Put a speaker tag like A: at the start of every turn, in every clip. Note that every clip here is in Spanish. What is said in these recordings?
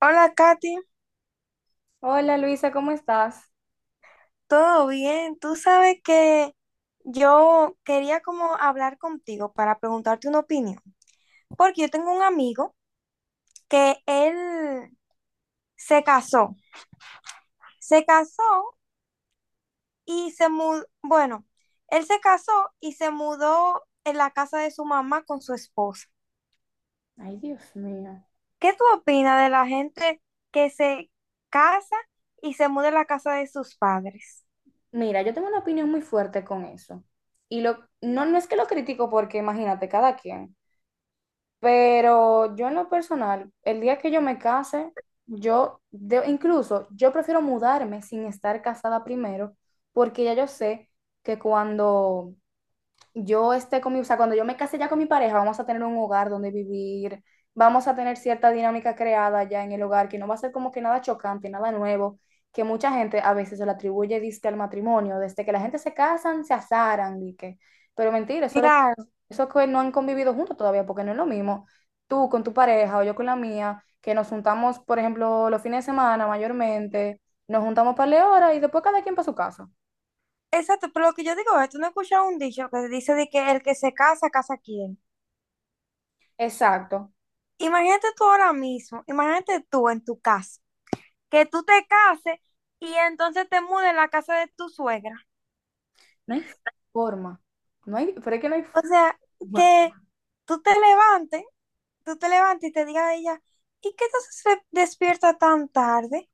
A: Hola Katy,
B: Hola Luisa, ¿cómo estás?
A: ¿todo bien? Tú sabes que yo quería como hablar contigo para preguntarte una opinión, porque yo tengo un amigo que él se casó, se casó y se mudó, bueno, él se casó y se mudó en la casa de su mamá con su esposa.
B: Ay, Dios mío.
A: ¿Qué tú opinas de la gente que se casa y se muda en la casa de sus padres?
B: Mira, yo tengo una opinión muy fuerte con eso. Y lo, no, no es que lo critico porque imagínate, cada quien. Pero yo en lo personal, el día que yo me case, yo, incluso, yo prefiero mudarme sin estar casada primero, porque ya yo sé que cuando yo esté con mi, o sea, cuando yo me case ya con mi pareja, vamos a tener un hogar donde vivir, vamos a tener cierta dinámica creada ya en el hogar, que no va a ser como que nada chocante, nada nuevo, que mucha gente a veces se lo atribuye, diste al matrimonio, desde que la gente se casan, se asaran, y que, pero mentira, eso,
A: Claro.
B: eso que no han convivido juntos todavía, porque no es lo mismo tú con tu pareja o yo con la mía, que nos juntamos, por ejemplo, los fines de semana mayormente, nos juntamos para la hora y después cada quien para su casa.
A: Exacto, pero lo que yo digo es, tú no escuchas un dicho que dice de que el que se casa, casa quién.
B: Exacto.
A: Imagínate tú ahora mismo, imagínate tú en tu casa, que tú te cases y entonces te mudes en la casa de tu suegra.
B: No hay forma. No hay, pero es que no hay
A: O sea,
B: forma.
A: que tú te levantes, tú te levantes y te digas a ella, ¿y qué te haces despierta tan tarde?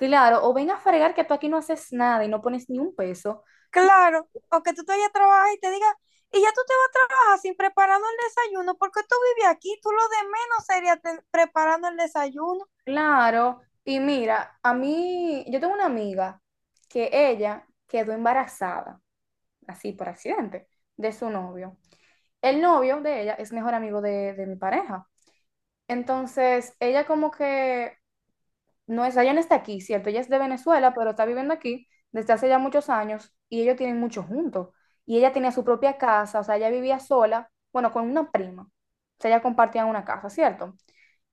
B: Claro, o ven a fregar que tú aquí no haces nada y no pones ni un peso. Tú-
A: Claro, o que tú te vayas a trabajar y te digas, y ya tú te vas a trabajar sin preparando el desayuno, porque tú vives aquí, tú lo de menos sería preparando el desayuno.
B: Claro. Y mira, a mí, yo tengo una amiga que ella quedó embarazada, así por accidente, de su novio. El novio de ella es mejor amigo de mi pareja. Entonces, ella como que no es, ella no está aquí, ¿cierto? Ella es de Venezuela, pero está viviendo aquí desde hace ya muchos años y ellos tienen mucho juntos. Y ella tenía su propia casa, o sea, ella vivía sola, bueno, con una prima. O sea, ella compartía una casa, ¿cierto?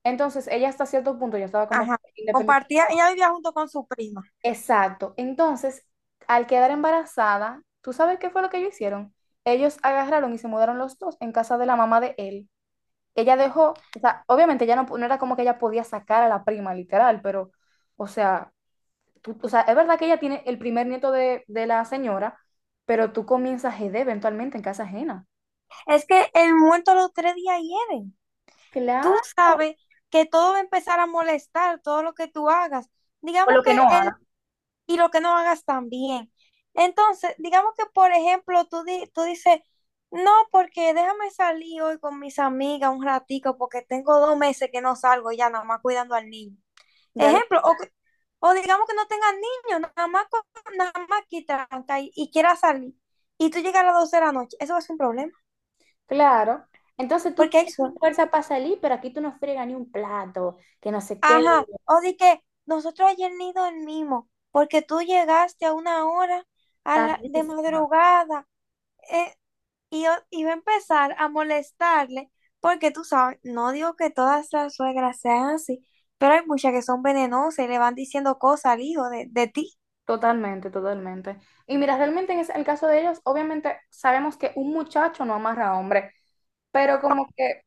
B: Entonces, ella hasta cierto punto ya estaba como
A: Ajá.
B: independiente.
A: Compartía, ella vivía junto con su prima.
B: Exacto. Entonces, al quedar embarazada, ¿tú sabes qué fue lo que ellos hicieron? Ellos agarraron y se mudaron los dos en casa de la mamá de él. Ella dejó, o sea, obviamente ya no, no era como que ella podía sacar a la prima, literal, pero, o sea, tú- o sea, es verdad que ella tiene el primer nieto de la señora, pero tú comienzas GD eventualmente en casa ajena.
A: Es que el muerto los tres días hieren. Tú
B: Claro.
A: sabes que todo va a empezar a molestar, todo lo que tú hagas.
B: O
A: Digamos
B: lo que no
A: que el,
B: haga.
A: y lo que no hagas también. Entonces, digamos que, por ejemplo, tú, tú dices, no, porque déjame salir hoy con mis amigas un ratico, porque tengo 2 meses que no salgo ya nada más cuidando al niño.
B: Ya lo,
A: Ejemplo, o, o digamos que no tengan niños, nada más, nada más quitan y quiera salir. Y tú llegas a las 12 de la noche, eso va a ser un problema,
B: claro. Entonces tú
A: porque hay
B: tienes
A: sol.
B: fuerza para salir, pero aquí tú no friegas ni un plato, que no sé qué.
A: Ajá, o de que nosotros ayer ni dormimos, porque tú llegaste a una hora de
B: Tardísimo.
A: madrugada eh, y va a empezar a molestarle, porque tú sabes, no digo que todas las suegras sean así, pero hay muchas que son venenosas y le van diciendo cosas al hijo de ti.
B: Totalmente, totalmente. Y mira, realmente en el caso de ellos, obviamente sabemos que un muchacho no amarra a hombre, pero como que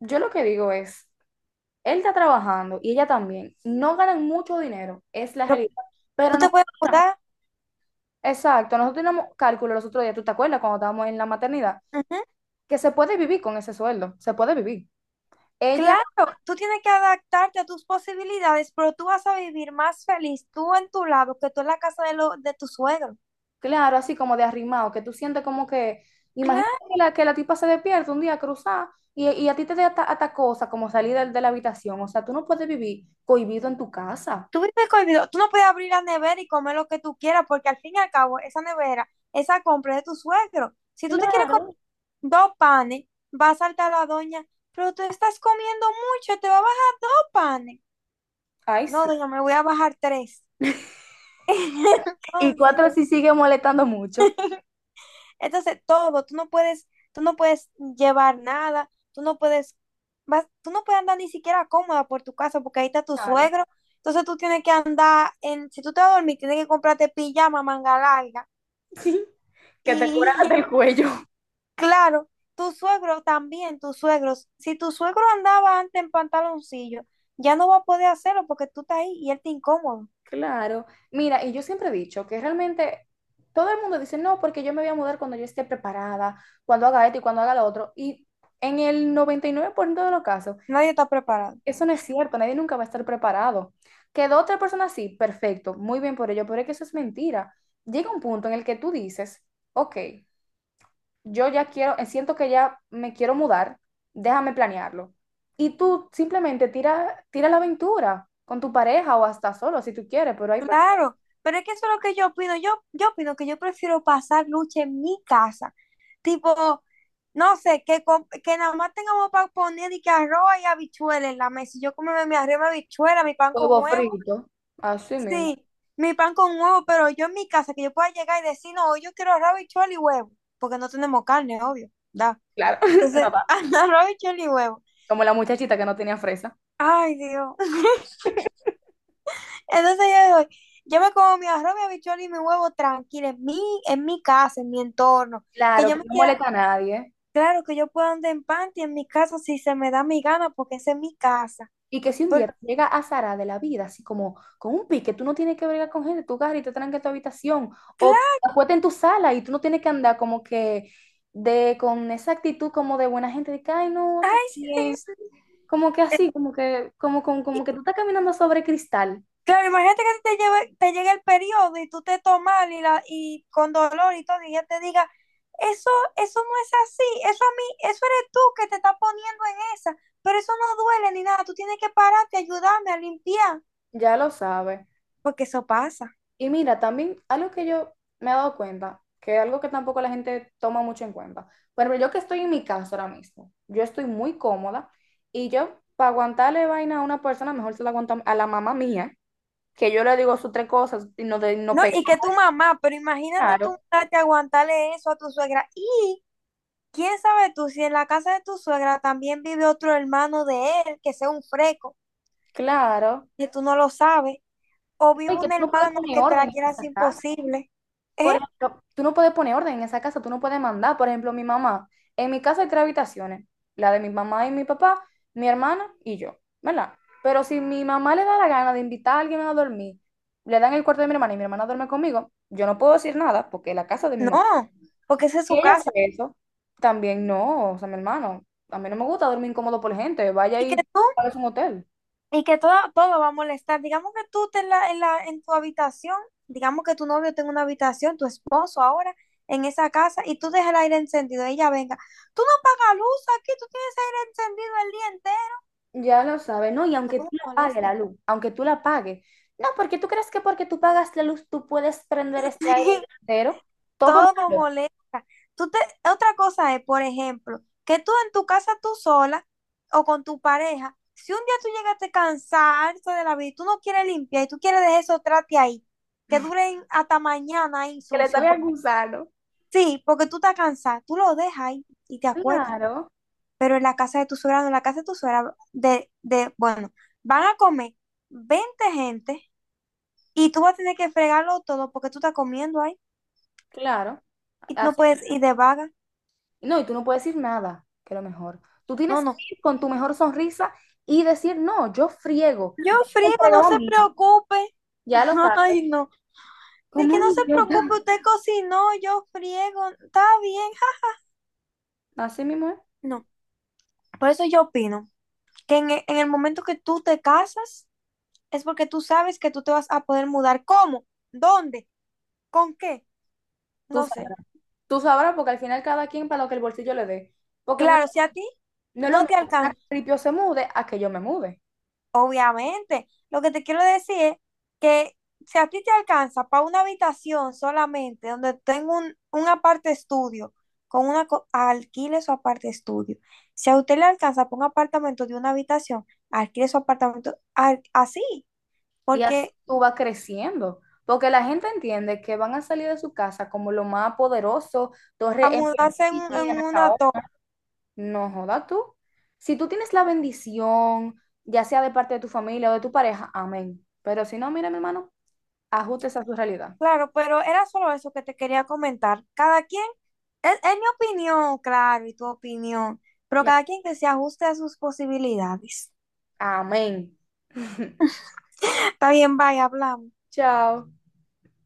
B: yo lo que digo es, él está trabajando y ella también, no ganan mucho dinero, es la
A: Pero
B: realidad,
A: tú
B: pero no.
A: te puedes mudar.
B: Exacto, nosotros tenemos cálculo los otros días, ¿tú te acuerdas cuando estábamos en la maternidad?
A: Ujú.
B: Que se puede vivir con ese sueldo, se puede vivir. Ella,
A: Claro, tú tienes que adaptarte a tus posibilidades, pero tú vas a vivir más feliz tú en tu lado que tú en la casa de, lo, de tu suegro.
B: claro, así como de arrimado, que tú sientes como que, imagínate
A: Claro,
B: que la tipa se despierta un día cruzada y a ti te da hasta, hasta cosa como salir del de la habitación, o sea, tú no puedes vivir cohibido en tu casa.
A: tú vives cohibido. Tú no puedes abrir la nevera y comer lo que tú quieras, porque al fin y al cabo, esa nevera, esa compra es de tu suegro. Si tú te quieres comer
B: Claro.
A: dos panes, va a saltar la doña, pero tú estás comiendo mucho, te va a bajar dos panes.
B: Ay,
A: No,
B: sí.
A: doña, me voy a bajar tres.
B: Y
A: Entonces.
B: cuatro sí sigue molestando mucho.
A: Entonces, todo, tú no puedes llevar nada, tú no puedes, tú no puedes andar ni siquiera cómoda por tu casa porque ahí está tu
B: Claro.
A: suegro. Entonces tú tienes que andar en, si tú te vas a dormir, tienes que comprarte pijama, manga larga.
B: Sí. Que te cura
A: Y
B: hasta el cuello.
A: claro, tu suegro también, tus suegros, si tu suegro andaba antes en pantaloncillo, ya no va a poder hacerlo porque tú estás ahí y él te incómodo.
B: Claro. Mira, y yo siempre he dicho que realmente todo el mundo dice, no, porque yo me voy a mudar cuando yo esté preparada, cuando haga esto y cuando haga lo otro. Y en el 99% de los casos,
A: Nadie está preparado.
B: eso no es cierto, nadie nunca va a estar preparado. Quedó otra persona así, perfecto, muy bien por ello, pero es que eso es mentira. Llega un punto en el que tú dices, ok, yo ya quiero, siento que ya me quiero mudar, déjame planearlo. Y tú simplemente tira, tira la aventura con tu pareja o hasta solo si tú quieres, pero hay personas.
A: Claro, pero es que eso es lo que yo opino. Yo opino que yo prefiero pasar lucha en mi casa. Tipo, no sé, que, que nada más tengamos para poner y que arroz y habichuelas en la mesa. Y yo como mi arroz, y mi habichuela, mi pan con
B: Huevo
A: huevo.
B: frito, así mismo.
A: Sí, mi pan con huevo, pero yo en mi casa, que yo pueda llegar y decir, no, hoy yo quiero arroz, habichuela y huevo. Porque no tenemos carne, obvio, da.
B: Claro, no
A: Entonces,
B: va.
A: arroz, habichuela y huevo.
B: Como la muchachita que no tenía fresa.
A: Ay, Dios. Entonces yo digo, yo me como mi arroz, mi habichuela y mi huevo tranquilo en mi casa, en mi entorno. Que
B: Claro,
A: yo
B: que
A: me
B: no
A: quiera,
B: molesta a nadie.
A: claro que yo pueda andar en panty en mi casa si se me da mi gana, porque esa es mi casa.
B: Y que si un día
A: Porque,
B: te llega a Sara de la vida, así como con un pique, tú no tienes que bregar con gente, tú agarras y te tranca en tu habitación, o
A: claro,
B: te acuestas en tu sala y tú no tienes que andar como que de con esa actitud como de buena gente, de que, ay, no, todo
A: ay, sí,
B: bien,
A: sí, sí.
B: como que
A: Eh,
B: así, como que, como que tú estás caminando sobre cristal,
A: claro, imagínate que a ti te llegue el periodo y tú te tomas y, la, y con dolor y todo, y ella te diga, eso, eso no es así, eso a mí, eso eres tú que te estás poniendo en esa, pero eso no duele ni nada, tú tienes que pararte, ayudarme a limpiar,
B: ya lo sabes.
A: porque eso pasa.
B: Y mira, también algo que yo me he dado cuenta, que es algo que tampoco la gente toma mucho en cuenta. Bueno, yo que estoy en mi casa ahora mismo, yo estoy muy cómoda y yo para aguantarle vaina a una persona, mejor se la aguanto a la mamá mía, que yo le digo sus tres cosas y no, de, no
A: No,
B: pego.
A: y que tu mamá, pero imagínate tú
B: Claro,
A: mudarte a aguantarle eso a tu suegra. Y quién sabe tú si en la casa de tu suegra también vive otro hermano de él que sea un freco,
B: claro.
A: que tú no lo sabes, o vive
B: Y que tú
A: una
B: no puedes
A: hermana
B: poner
A: que te
B: orden
A: la
B: en
A: quieras
B: esa casa.
A: imposible. ¿Eh?
B: Por ejemplo, tú no puedes poner orden en esa casa, tú no puedes mandar. Por ejemplo, mi mamá. En mi casa hay tres habitaciones, la de mi mamá y mi papá, mi hermana y yo, ¿verdad? Pero si mi mamá le da la gana de invitar a alguien a dormir, le dan el cuarto de mi hermana y mi hermana duerme conmigo, yo no puedo decir nada porque es la casa de mi mamá.
A: No, porque esa es
B: Si
A: su
B: ella hace
A: casa.
B: eso, también no, o sea, mi hermano, a mí no me gusta dormir incómodo por gente, vaya
A: Y que
B: y
A: tú
B: pague un hotel.
A: y que todo, todo va a molestar. Digamos que tú te en la, en la, en tu habitación, digamos que tu novio tenga una habitación, tu esposo ahora, en esa casa, y tú dejas el aire encendido, ella venga. Tú no pagas luz aquí, tú tienes aire encendido el día entero.
B: Ya lo sabe, ¿no? Y aunque
A: Todo
B: tú la pagues la
A: molesta.
B: luz, aunque tú la pagues, no, porque tú crees que porque tú pagas la luz tú puedes prender este aire entero, todo
A: Todo
B: malo,
A: molesta. Tú te, otra cosa es, por ejemplo, que tú en tu casa tú sola o con tu pareja, si un día tú llegaste cansarte de la vida y tú no quieres limpiar y tú quieres dejar esos trate ahí, que duren hasta mañana ahí
B: que le
A: sucio.
B: salga al gusano.
A: Sí, porque tú te cansas, tú lo dejas ahí y te acuestas.
B: Claro,
A: Pero en la casa de tu suegra, no, en la casa de tu suegra, de, bueno, van a comer 20 gente y tú vas a tener que fregarlo todo porque tú estás comiendo ahí
B: claro.
A: y tú no
B: Así-
A: puedes ir de vaga.
B: no, y tú no puedes decir nada, que lo mejor. Tú
A: No,
B: tienes que
A: no.
B: ir con tu mejor sonrisa y decir, no, yo friego,
A: Yo
B: ya me
A: friego, no
B: fregado a
A: se
B: mí,
A: preocupe.
B: ya lo sabes,
A: Ay, no. De
B: como
A: que
B: un
A: no se
B: idiota.
A: preocupe, usted cocinó, yo friego, está bien. Ja.
B: Así mismo es.
A: No. Por eso yo opino que en en el momento que tú te casas, es porque tú sabes que tú te vas a poder mudar. ¿Cómo? ¿Dónde? ¿Con qué?
B: Tú
A: No sé.
B: sabrás, tú sabrás porque al final cada quien para lo que el bolsillo le dé. Porque no.
A: Claro, si a ti
B: No es lo
A: no te
B: mismo que una
A: alcanza,
B: ripio se mude a que yo me mude.
A: obviamente. Lo que te quiero decir es que si a ti te alcanza para una habitación solamente, donde tengo un aparte estudio, con una alquile su aparte estudio. Si a usted le alcanza para un apartamento de una habitación, alquile su apartamento así,
B: Y así
A: porque
B: tú vas creciendo. Porque la gente entiende que van a salir de su casa como lo más poderoso,
A: a
B: torre en
A: mudarse en,
B: Piantini,
A: en
B: en
A: una
B: Acaona.
A: torre.
B: No joda tú. Si tú tienes la bendición, ya sea de parte de tu familia o de tu pareja, amén. Pero si no, mira, mi hermano, ajustes a su realidad.
A: Claro, pero era solo eso que te quería comentar. Cada quien, es mi opinión, claro, y tu opinión, pero
B: Claro.
A: cada quien que se ajuste a sus posibilidades.
B: Amén.
A: Está bien, bye, hablamos.
B: Chao.